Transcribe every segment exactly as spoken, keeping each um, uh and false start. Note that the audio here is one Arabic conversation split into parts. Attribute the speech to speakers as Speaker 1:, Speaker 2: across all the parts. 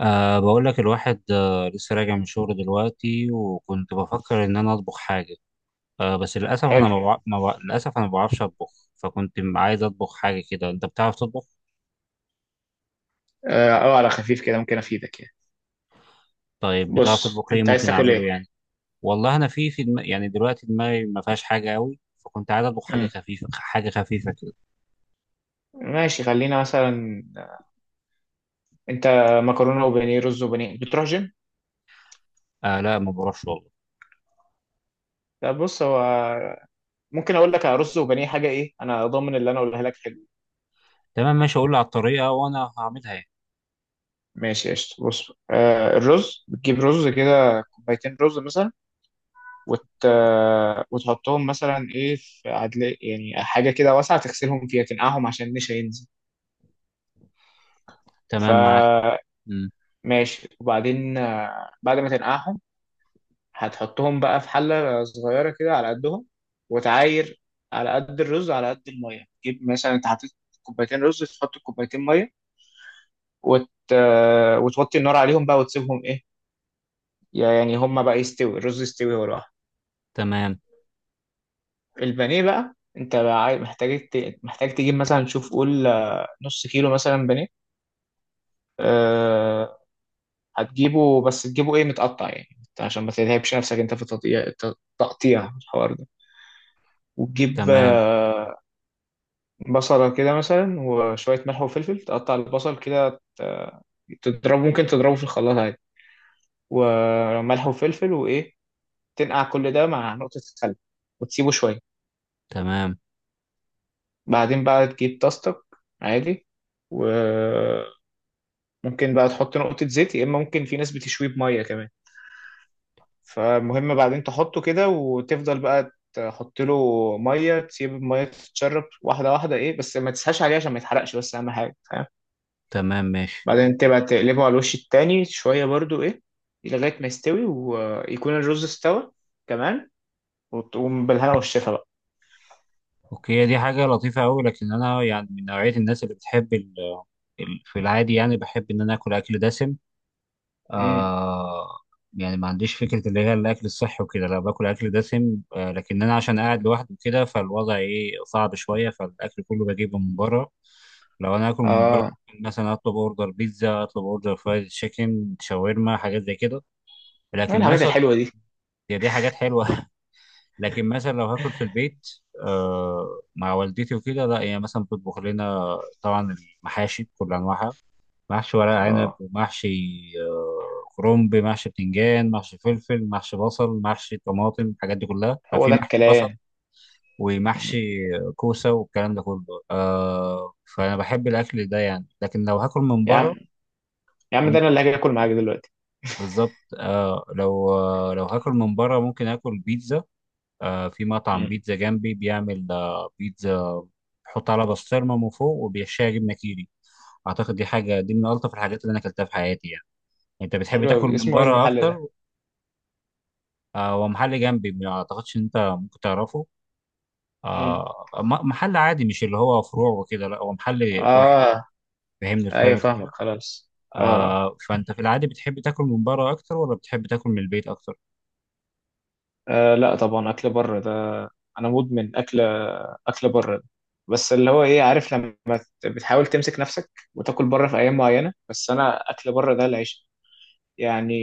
Speaker 1: أه بقول لك الواحد أه لسه راجع من شغل دلوقتي وكنت بفكر إن أنا أطبخ حاجة. أه بس للأسف أنا
Speaker 2: حلو.
Speaker 1: ما بع... ما بع... للأسف أنا ما بعرفش أطبخ. فكنت م- عايز أطبخ حاجة كده. أنت بتعرف تطبخ؟
Speaker 2: اه، أو على خفيف كده، ممكن افيدك يعني.
Speaker 1: طيب بتعرف
Speaker 2: بص
Speaker 1: تطبخ إيه
Speaker 2: انت عايز
Speaker 1: ممكن
Speaker 2: تاكل
Speaker 1: أعمله
Speaker 2: ايه؟
Speaker 1: يعني؟ والله أنا في في دم... يعني دلوقتي دماغي ما فيهاش حاجة أوي، فكنت عايز أطبخ حاجة
Speaker 2: امم
Speaker 1: خفيفة، حاجة خفيفة كده.
Speaker 2: ماشي خلينا مثلا. انت مكرونه وبانيه، رز وبانيه، بتروح جيم؟
Speaker 1: أه لا، ما بعرفش والله.
Speaker 2: لا بص، هو ممكن اقول لك على رز وبانيه. حاجه ايه، انا ضامن اللي انا اقولها لك حلو.
Speaker 1: تمام ماشي، أقول لي على الطريقة وأنا هعملها يعني.
Speaker 2: ماشي قشطه. بص، آه الرز بتجيب رز كده، كوبايتين رز مثلا، وت... آه، وتحطهم مثلا، ايه، في عدل يعني، حاجه كده واسعه، تغسلهم فيها، تنقعهم عشان النشا ينزل،
Speaker 1: تمام معاك.
Speaker 2: فماشي.
Speaker 1: مم.
Speaker 2: وبعدين آه، بعد ما تنقعهم هتحطهم بقى في حلة صغيرة كده على قدهم، وتعاير على قد الرز على قد المية. تجيب مثلا انت حطيت كوبايتين رز، تحط كوبايتين مية، وت... وتوطي النار عليهم بقى، وتسيبهم ايه يعني، هما بقى يستوي الرز، يستوي هو لوحده.
Speaker 1: تمام،
Speaker 2: البانيه بقى، انت بقى عاي- محتاج ت... محتاج تجيب مثلا، شوف قول، آه، نص كيلو مثلا بانيه. أه... هتجيبه، بس تجيبه ايه، متقطع يعني، عشان ما تتعبش نفسك انت في التقطيع، التقطيع الحوار ده. وتجيب
Speaker 1: تمام،
Speaker 2: آه، بصلة كده مثلا، وشوية ملح وفلفل، تقطع البصل كده، تضربه، ممكن تضربه في الخلاط عادي، وملح وفلفل وإيه، تنقع كل ده مع نقطة خل، وتسيبه شوية.
Speaker 1: تمام،
Speaker 2: بعدين بقى تجيب طاستك عادي، وممكن بقى تحط نقطة زيت، يا إما ممكن، في ناس بتشويه بمية كمان. فالمهم بعدين تحطه كده، وتفضل بقى تحط له مية، تسيب المية تتشرب واحدة واحدة، إيه، بس ما تسهاش عليه عشان ما يتحرقش، بس أهم حاجة.
Speaker 1: تمام ماشي.
Speaker 2: بعدين تبقى تقلبه على الوش التاني شوية برضو، ايه لغاية ما يستوي ويكون الرز استوى كمان، وتقوم بالهنا والشفا بقى.
Speaker 1: اوكي، هي دي حاجة لطيفة أوي، لكن أنا يعني من نوعية الناس اللي بتحب ال ال في العادي، يعني بحب إن أنا آكل أكل دسم.
Speaker 2: امم
Speaker 1: آه يعني ما عنديش فكرة اللي هي الأكل الصحي وكده، لا باكل أكل دسم. آه لكن أنا عشان قاعد لوحدي كده فالوضع إيه صعب شوية، فالأكل كله بجيبه من بره. لو أنا آكل من بره
Speaker 2: اه،
Speaker 1: ممكن مثلا أطلب أوردر بيتزا، أطلب أوردر فرايد تشيكن، شاورما، حاجات زي كده.
Speaker 2: إيه
Speaker 1: لكن
Speaker 2: الحاجات
Speaker 1: مثلا
Speaker 2: الحلوة دي؟
Speaker 1: هي دي حاجات حلوة لكن مثلا لو هاكل في البيت، آه مع والدتي وكده، لا هي مثلا بتطبخ لنا، طبعا، المحاشي بكل انواعها، محشي ورق عنب
Speaker 2: اه،
Speaker 1: ومحشي آه، كرنب، محشي بتنجان، محشي فلفل، محشي بصل، محشي طماطم، الحاجات دي كلها،
Speaker 2: هو
Speaker 1: في
Speaker 2: ده
Speaker 1: محشي بصل
Speaker 2: الكلام.
Speaker 1: ومحشي
Speaker 2: مم.
Speaker 1: كوسه والكلام ده كله. آه فانا بحب الاكل ده يعني، لكن لو هاكل من
Speaker 2: يا عم،
Speaker 1: بره
Speaker 2: يا عم، ده انا
Speaker 1: ممكن.
Speaker 2: اللي هاجي اكل معاك دلوقتي.
Speaker 1: بالظبط. آه لو آه لو هاكل من بره ممكن اكل بيتزا. آه في مطعم
Speaker 2: امم
Speaker 1: بيتزا جنبي بيعمل آه بيتزا، بيحط على بسطرمه من فوق وبيحشيها جبنه كيري. اعتقد دي حاجه، دي من الطف الحاجات اللي انا اكلتها في حياتي يعني. انت بتحب
Speaker 2: حلو
Speaker 1: تاكل
Speaker 2: قوي،
Speaker 1: من
Speaker 2: اسمه ايه
Speaker 1: بره
Speaker 2: المحل
Speaker 1: اكتر؟
Speaker 2: ده؟
Speaker 1: آه ومحل جنبي، ما اعتقدش ان انت ممكن تعرفه.
Speaker 2: امم
Speaker 1: آه م- محل عادي، مش اللي هو فروع وكده، لا هو محل واحد يعني.
Speaker 2: اه،
Speaker 1: فاهمني،
Speaker 2: ايوه،
Speaker 1: فاهم
Speaker 2: فاهمك
Speaker 1: الفكره.
Speaker 2: خلاص. اه،
Speaker 1: آه فانت في العادي بتحب تاكل من بره اكتر ولا بتحب تاكل من البيت اكتر؟
Speaker 2: آه، لا طبعا، اكل بره ده. انا مدمن اكل، اكل بره ده. بس اللي هو ايه، عارف لما ت- بتحاول تمسك نفسك، وتاكل بره في ايام معينه، بس انا اكل بره ده العيش يعني.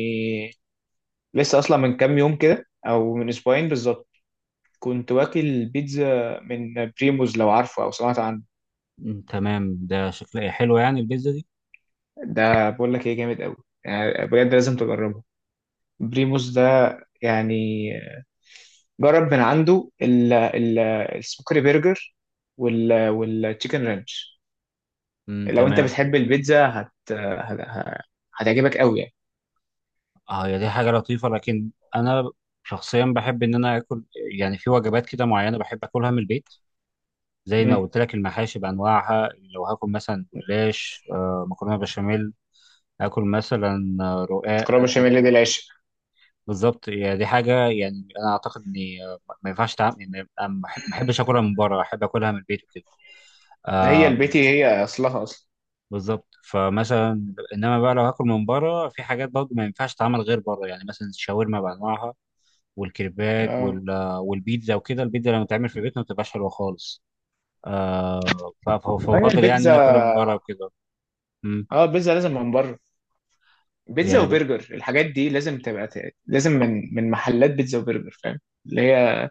Speaker 2: لسه اصلا من كام يوم كده، او من اسبوعين بالظبط، كنت واكل بيتزا من بريموز، لو عارفه او سمعت عنه.
Speaker 1: مم، تمام، ده شكلها حلو يعني البيتزا دي.
Speaker 2: ده بقول لك ايه، جامد قوي يعني، بجد لازم تجربه. بريموس ده يعني، جرب من عنده ال- ال- السموكري برجر وال والتشيكن رانش.
Speaker 1: مم،
Speaker 2: لو انت
Speaker 1: تمام.
Speaker 2: بتحب البيتزا هت... هت... ه- هتعجبك قوي يعني.
Speaker 1: اه، هي دي حاجه لطيفه لكن انا شخصيا بحب ان انا اكل، يعني في وجبات كده معينه بحب اكلها من البيت، زي ما
Speaker 2: امم
Speaker 1: قلت لك، المحاشي بانواعها. لو هاكل مثلا جلاش، آه، مكرونه بشاميل، هاكل مثلا آه، رقاق
Speaker 2: كرابة
Speaker 1: أكل.
Speaker 2: الشمالية دي العشق.
Speaker 1: بالظبط، يعني دي حاجه يعني انا اعتقد اني، آه، ما ينفعش تعمل، يعني ما أحب- ما احبش اكلها من بره، احب اكلها من البيت وكده.
Speaker 2: هي
Speaker 1: آه
Speaker 2: البيتي، هي اصلها اصلا.
Speaker 1: بالظبط. فمثلا انما بقى لو هاكل من بره في حاجات برضه ما ينفعش تتعمل غير بره، يعني مثلا الشاورما بانواعها والكريبات
Speaker 2: اه،
Speaker 1: وال- آه، والبيتزا وكده، البيتزا لما تعمل في البيت ما بتبقاش حلوه خالص. آه ف- ف-
Speaker 2: هي
Speaker 1: فبفضل يعني ان
Speaker 2: البيتزا.
Speaker 1: انا اكلها من بره وكده. مم.
Speaker 2: اه، البيتزا لازم من بره. بيتزا
Speaker 1: يعني
Speaker 2: وبرجر، الحاجات دي لازم تبقى، ت- لازم من من محلات بيتزا وبرجر، فاهم؟ اللي هي،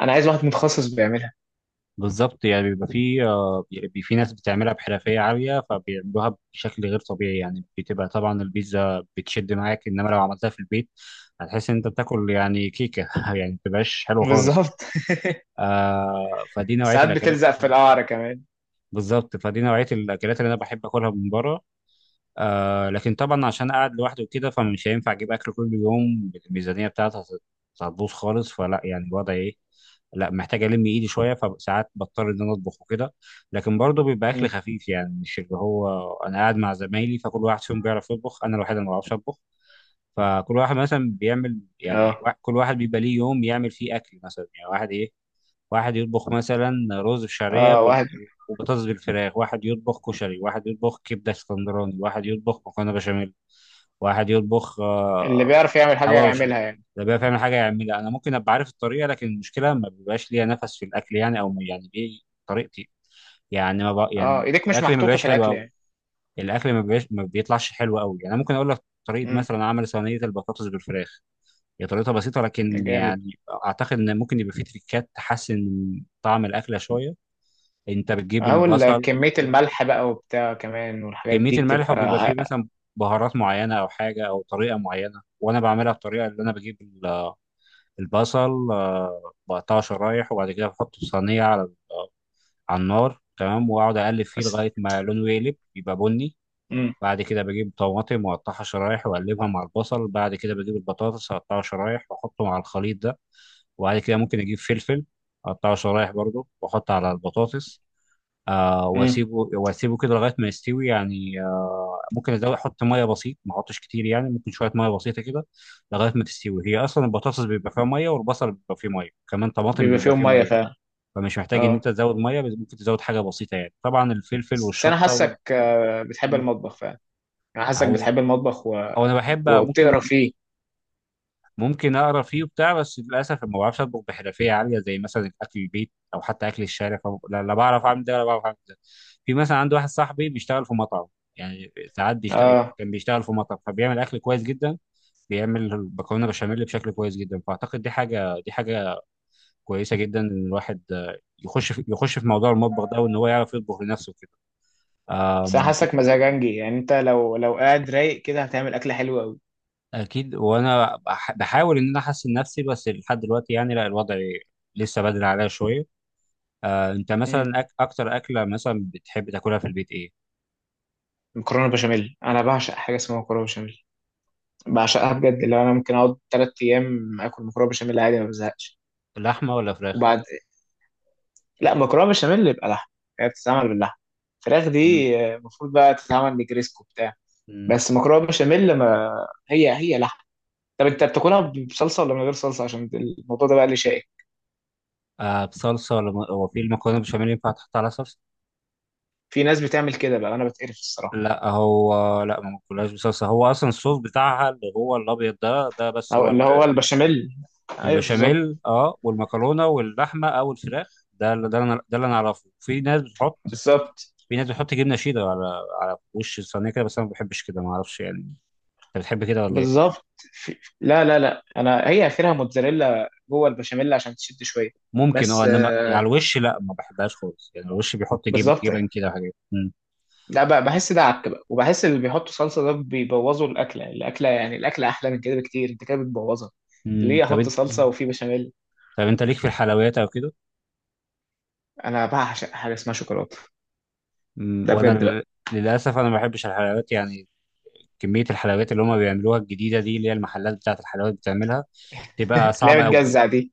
Speaker 2: انا عايز واحد متخصص بيعملها.
Speaker 1: بالظبط، يعني بيبقى في آه، بيبقى في ناس بتعملها بحرفية عالية، فبيعملوها بشكل غير طبيعي يعني، بتبقى طبعا البيتزا بتشد معاك، انما لو عملتها في البيت هتحس ان انت بتاكل يعني كيكة يعني ما بتبقاش حلوة خالص.
Speaker 2: بالظبط.
Speaker 1: آه فدي نوعية
Speaker 2: ساعات
Speaker 1: الأكلات.
Speaker 2: بتلزق في القعر كمان.
Speaker 1: بالظبط، فدي نوعية الأكلات اللي أنا بحب أكلها من بره. آه لكن طبعا عشان قاعد لوحدي وكده، فمش هينفع أجيب أكل كل يوم، الميزانية بتاعتي هت- هتبوظ خالص، فلا يعني الوضع إيه، لا محتاج الم ايدي شويه، فساعات بضطر ان انا اطبخ وكده. لكن برضه بيبقى اكل خفيف، يعني مش اللي هو، انا قاعد مع زمايلي فكل واحد فيهم بيعرف يطبخ، انا الوحيد اللي ما بعرفش اطبخ. فكل واحد مثلا بيعمل يعني
Speaker 2: اه.
Speaker 1: وا- كل واحد بيبقى ليه يوم يعمل فيه اكل مثلا، يعني واحد ايه، واحد يطبخ مثلا رز بشعريه
Speaker 2: اه،
Speaker 1: بال-
Speaker 2: واحد
Speaker 1: وبطاطس بالفراخ، واحد يطبخ كشري، واحد يطبخ كبده اسكندراني، واحد يطبخ مكرونه بشاميل، واحد يطبخ
Speaker 2: اللي
Speaker 1: آه،
Speaker 2: بيعرف يعمل حاجة
Speaker 1: حواوشي.
Speaker 2: يعملها يعني.
Speaker 1: ده بقى فعلا حاجه يعملها، انا ممكن ابقى عارف الطريقه، لكن المشكله ما بيبقاش ليا نفس في الاكل يعني، او ما، يعني ايه طريقتي، يعني ما بق...
Speaker 2: اه،
Speaker 1: يعني
Speaker 2: ايديك مش
Speaker 1: الاكل ما
Speaker 2: محطوطة
Speaker 1: بيبقاش
Speaker 2: في
Speaker 1: حلو
Speaker 2: الاكل
Speaker 1: قوي،
Speaker 2: يعني.
Speaker 1: الاكل ما بيبقاش، ما بيطلعش حلو قوي يعني. أنا ممكن اقول لك طريقه
Speaker 2: امم
Speaker 1: مثلا عمل صينيه البطاطس بالفراخ، هي طريقتها بسيطه لكن
Speaker 2: جامد.
Speaker 1: يعني اعتقد ان ممكن يبقى فيه تريكات تحسن من طعم الاكله شويه. انت بتجيب
Speaker 2: اهو ال-
Speaker 1: البصل،
Speaker 2: كمية الملح بقى، وبتاع كمان، والحاجات
Speaker 1: كميه
Speaker 2: دي
Speaker 1: الملح،
Speaker 2: بتبقى
Speaker 1: وبيبقى فيه
Speaker 2: ع-
Speaker 1: مثلا بهارات معينه او حاجه او طريقه معينه، وانا بعملها بطريقه اللي انا بجيب البصل، آه، بقطعه شرايح، وبعد كده بحطه في صينية على ال- آه، على النار، تمام، وأقعد أقلب فيه
Speaker 2: بس.
Speaker 1: لغاية ما لونه يقلب يبقى بني.
Speaker 2: امم
Speaker 1: بعد كده بجيب طماطم وأقطعها شرايح وأقلبها مع البصل، بعد كده بجيب البطاطس أقطعها شرايح وأحطه مع الخليط ده، وبعد كده ممكن أجيب فلفل أقطعه شرايح برضه وأحطه على البطاطس. آه
Speaker 2: امم
Speaker 1: واسيبه واسيبه كده لغايه ما يستوي يعني، آه ممكن ازود احط ميه بسيط، ما احطش كتير يعني، ممكن شويه ميه بسيطه كده لغايه ما تستوي، هي اصلا البطاطس بيبقى فيها ميه، والبصل بيبقى فيه ميه كمان، طماطم
Speaker 2: بيبقى
Speaker 1: بيبقى
Speaker 2: فيهم
Speaker 1: فيه
Speaker 2: مية
Speaker 1: ميه،
Speaker 2: فعلا.
Speaker 1: فمش محتاج ان
Speaker 2: اه،
Speaker 1: انت تزود ميه، بس ممكن تزود حاجه بسيطه يعني، طبعا الفلفل
Speaker 2: بس انا
Speaker 1: والشطه وال...
Speaker 2: حاسك، آه، بتحب
Speaker 1: م.
Speaker 2: المطبخ فعلا. انا حاسك
Speaker 1: اهو.
Speaker 2: بتحب المطبخ و...
Speaker 1: او انا بحب،
Speaker 2: وبتقرا
Speaker 1: ممكن
Speaker 2: فيه.
Speaker 1: ممكن اقرا فيه وبتاع، بس للاسف ما بعرفش اطبخ بحرفيه عاليه زي مثلا اكل البيت او حتى اكل الشارع. فب... لا, لا بعرف اعمل ده ولا بعرف اعمل ده. في مثلا عندي واحد صاحبي بيشتغل في مطعم، يعني ساعات بيشتغل،
Speaker 2: اه،
Speaker 1: كان بيشتغل في مطعم فبيعمل اكل كويس جدا، بيعمل المكرونه بشاميل بشكل كويس جدا، فاعتقد دي حاجه، دي حاجه كويسه جدا ان الواحد آه، يخش في يخش في موضوع المطبخ ده وان هو يعرف يطبخ لنفسه كده.
Speaker 2: بس انا
Speaker 1: أم، لا،
Speaker 2: حاسك مزاجنجي يعني، انت لو لو قاعد رايق كده، هتعمل اكل حلو قوي.
Speaker 1: اكيد. وانا بح- بحاول ان انا احسن نفسي، بس لحد دلوقتي يعني لا، الوضع لسه بدري عليا شويه. آه، انت مثلا
Speaker 2: امم
Speaker 1: أك اكتر اكله مثلا بتحب تاكلها في البيت ايه؟
Speaker 2: مكرونة بشاميل، انا بعشق حاجة اسمها مكرونة بشاميل، بعشقها بجد. اللي هو انا ممكن اقعد ثلاث ايام اكل مكرونه بشاميل عادي ما بزهقش.
Speaker 1: لحمه ولا فراخ؟
Speaker 2: وبعد، لا، مكرونه بشاميل يبقى لحمه، هي بتتعمل باللحمه. الفراخ
Speaker 1: مم.
Speaker 2: دي آه، المفروض بقى تتعمل نجريسكو بتاع.
Speaker 1: مم.
Speaker 2: بس مكرونه بشاميل، ما هي هي لحمه. طب انت بتاكلها بصلصه ولا من غير صلصه؟ عشان الموضوع ده بقى اللي شائك.
Speaker 1: آه بصلصه ولا م- هو في المكرونه بالبشاميل ينفع تحط على صلصه؟
Speaker 2: في ناس بتعمل كده بقى، انا بتقرف الصراحه.
Speaker 1: لا هو لا، ما باكلهاش بصلصه، هو اصلا الصوص بتاعها اللي هو الابيض ده ده بس،
Speaker 2: أو
Speaker 1: هو ال-
Speaker 2: اللي هو البشاميل. ايوه بالظبط.
Speaker 1: البشاميل، اه، والمكرونه واللحمه او الفراخ، ده اللي ده اللي انا ده اللي انا اعرفه. في ناس بتحط
Speaker 2: بالظبط.
Speaker 1: في ناس بتحط جبنه شيدر على على وش الصينيه كده، بس انا ما بحبش كده، ما اعرفش يعني. انت بتحب كده ولا ايه؟
Speaker 2: بالظبط. في... لا، لا، لا، انا هي اخرها موتزاريلا جوه البشاميل عشان تشد شويه.
Speaker 1: ممكن، اه،
Speaker 2: بس
Speaker 1: انما
Speaker 2: آه،
Speaker 1: يعني على الوش لا، ما بحبهاش خالص يعني، الوش بيحط جب...
Speaker 2: بالظبط.
Speaker 1: جبن كده وحاجات. مم.
Speaker 2: لا بقى، بحس ده عك بقى، وبحس اللي بيحطوا صلصه ده بيبوظوا الاكله. الاكله يعني الاكله احلى من كده بكتير، انت كده بتبوظها.
Speaker 1: مم.
Speaker 2: ليه
Speaker 1: طب
Speaker 2: احط
Speaker 1: انت
Speaker 2: صلصه
Speaker 1: مم.
Speaker 2: وفي بشاميل؟
Speaker 1: طب انت ليك في الحلويات او كده؟
Speaker 2: انا بعشق حاجه اسمها شوكولاته،
Speaker 1: مم.
Speaker 2: ده
Speaker 1: وانا
Speaker 2: بجد
Speaker 1: ل-
Speaker 2: بقى.
Speaker 1: للاسف انا ما بحبش الحلويات يعني. كميه الحلويات اللي هم بيعملوها الجديده دي، اللي هي المحلات بتاعه الحلويات بتعملها، تبقى
Speaker 2: اللي هي
Speaker 1: صعبه قوي،
Speaker 2: بتجزع دي.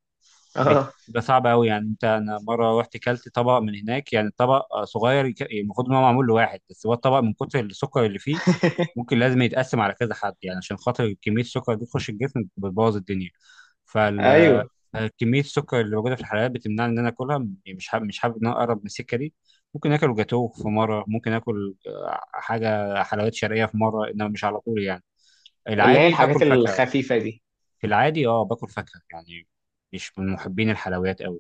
Speaker 2: اه.
Speaker 1: بتبقى صعبه قوي يعني. انت، انا مره رحت كلت طبق من هناك، يعني الطبق آه، صغير، يك- المفروض ان هو معمول لواحد بس، هو الطبق من كتر السكر اللي فيه ممكن لازم يتقسم على كذا حد، يعني عشان خاطر كميه السكر دي تخش الجسم بتبوظ الدنيا.
Speaker 2: ايوه،
Speaker 1: آه، كميه السكر اللي موجوده في الحلويات بتمنعني ان انا اكلها، م- مش حابب، مش حابب ان انا اقرب من السكه دي. ممكن اكل جاتوه في مره، ممكن اكل آه، حاجه حلويات شرقيه في مره، انما مش على طول يعني،
Speaker 2: اللي هي
Speaker 1: العادي
Speaker 2: الحاجات
Speaker 1: باكل فاكهه،
Speaker 2: الخفيفه دي.
Speaker 1: في العادي اه، باكل فاكهه يعني، مش من محبين الحلويات قوي.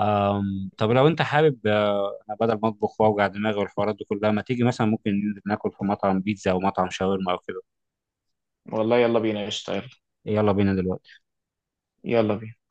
Speaker 1: أم، طب لو انت حابب، آه، انا بدل ما اطبخ واوجع دماغي والحوارات دي كلها، ما تيجي مثلا ممكن ننزل ناكل في مطعم بيتزا او مطعم شاورما او كده؟
Speaker 2: والله يلا بينا، قشطه، يلا.
Speaker 1: يلا بينا دلوقتي.
Speaker 2: يلا بينا.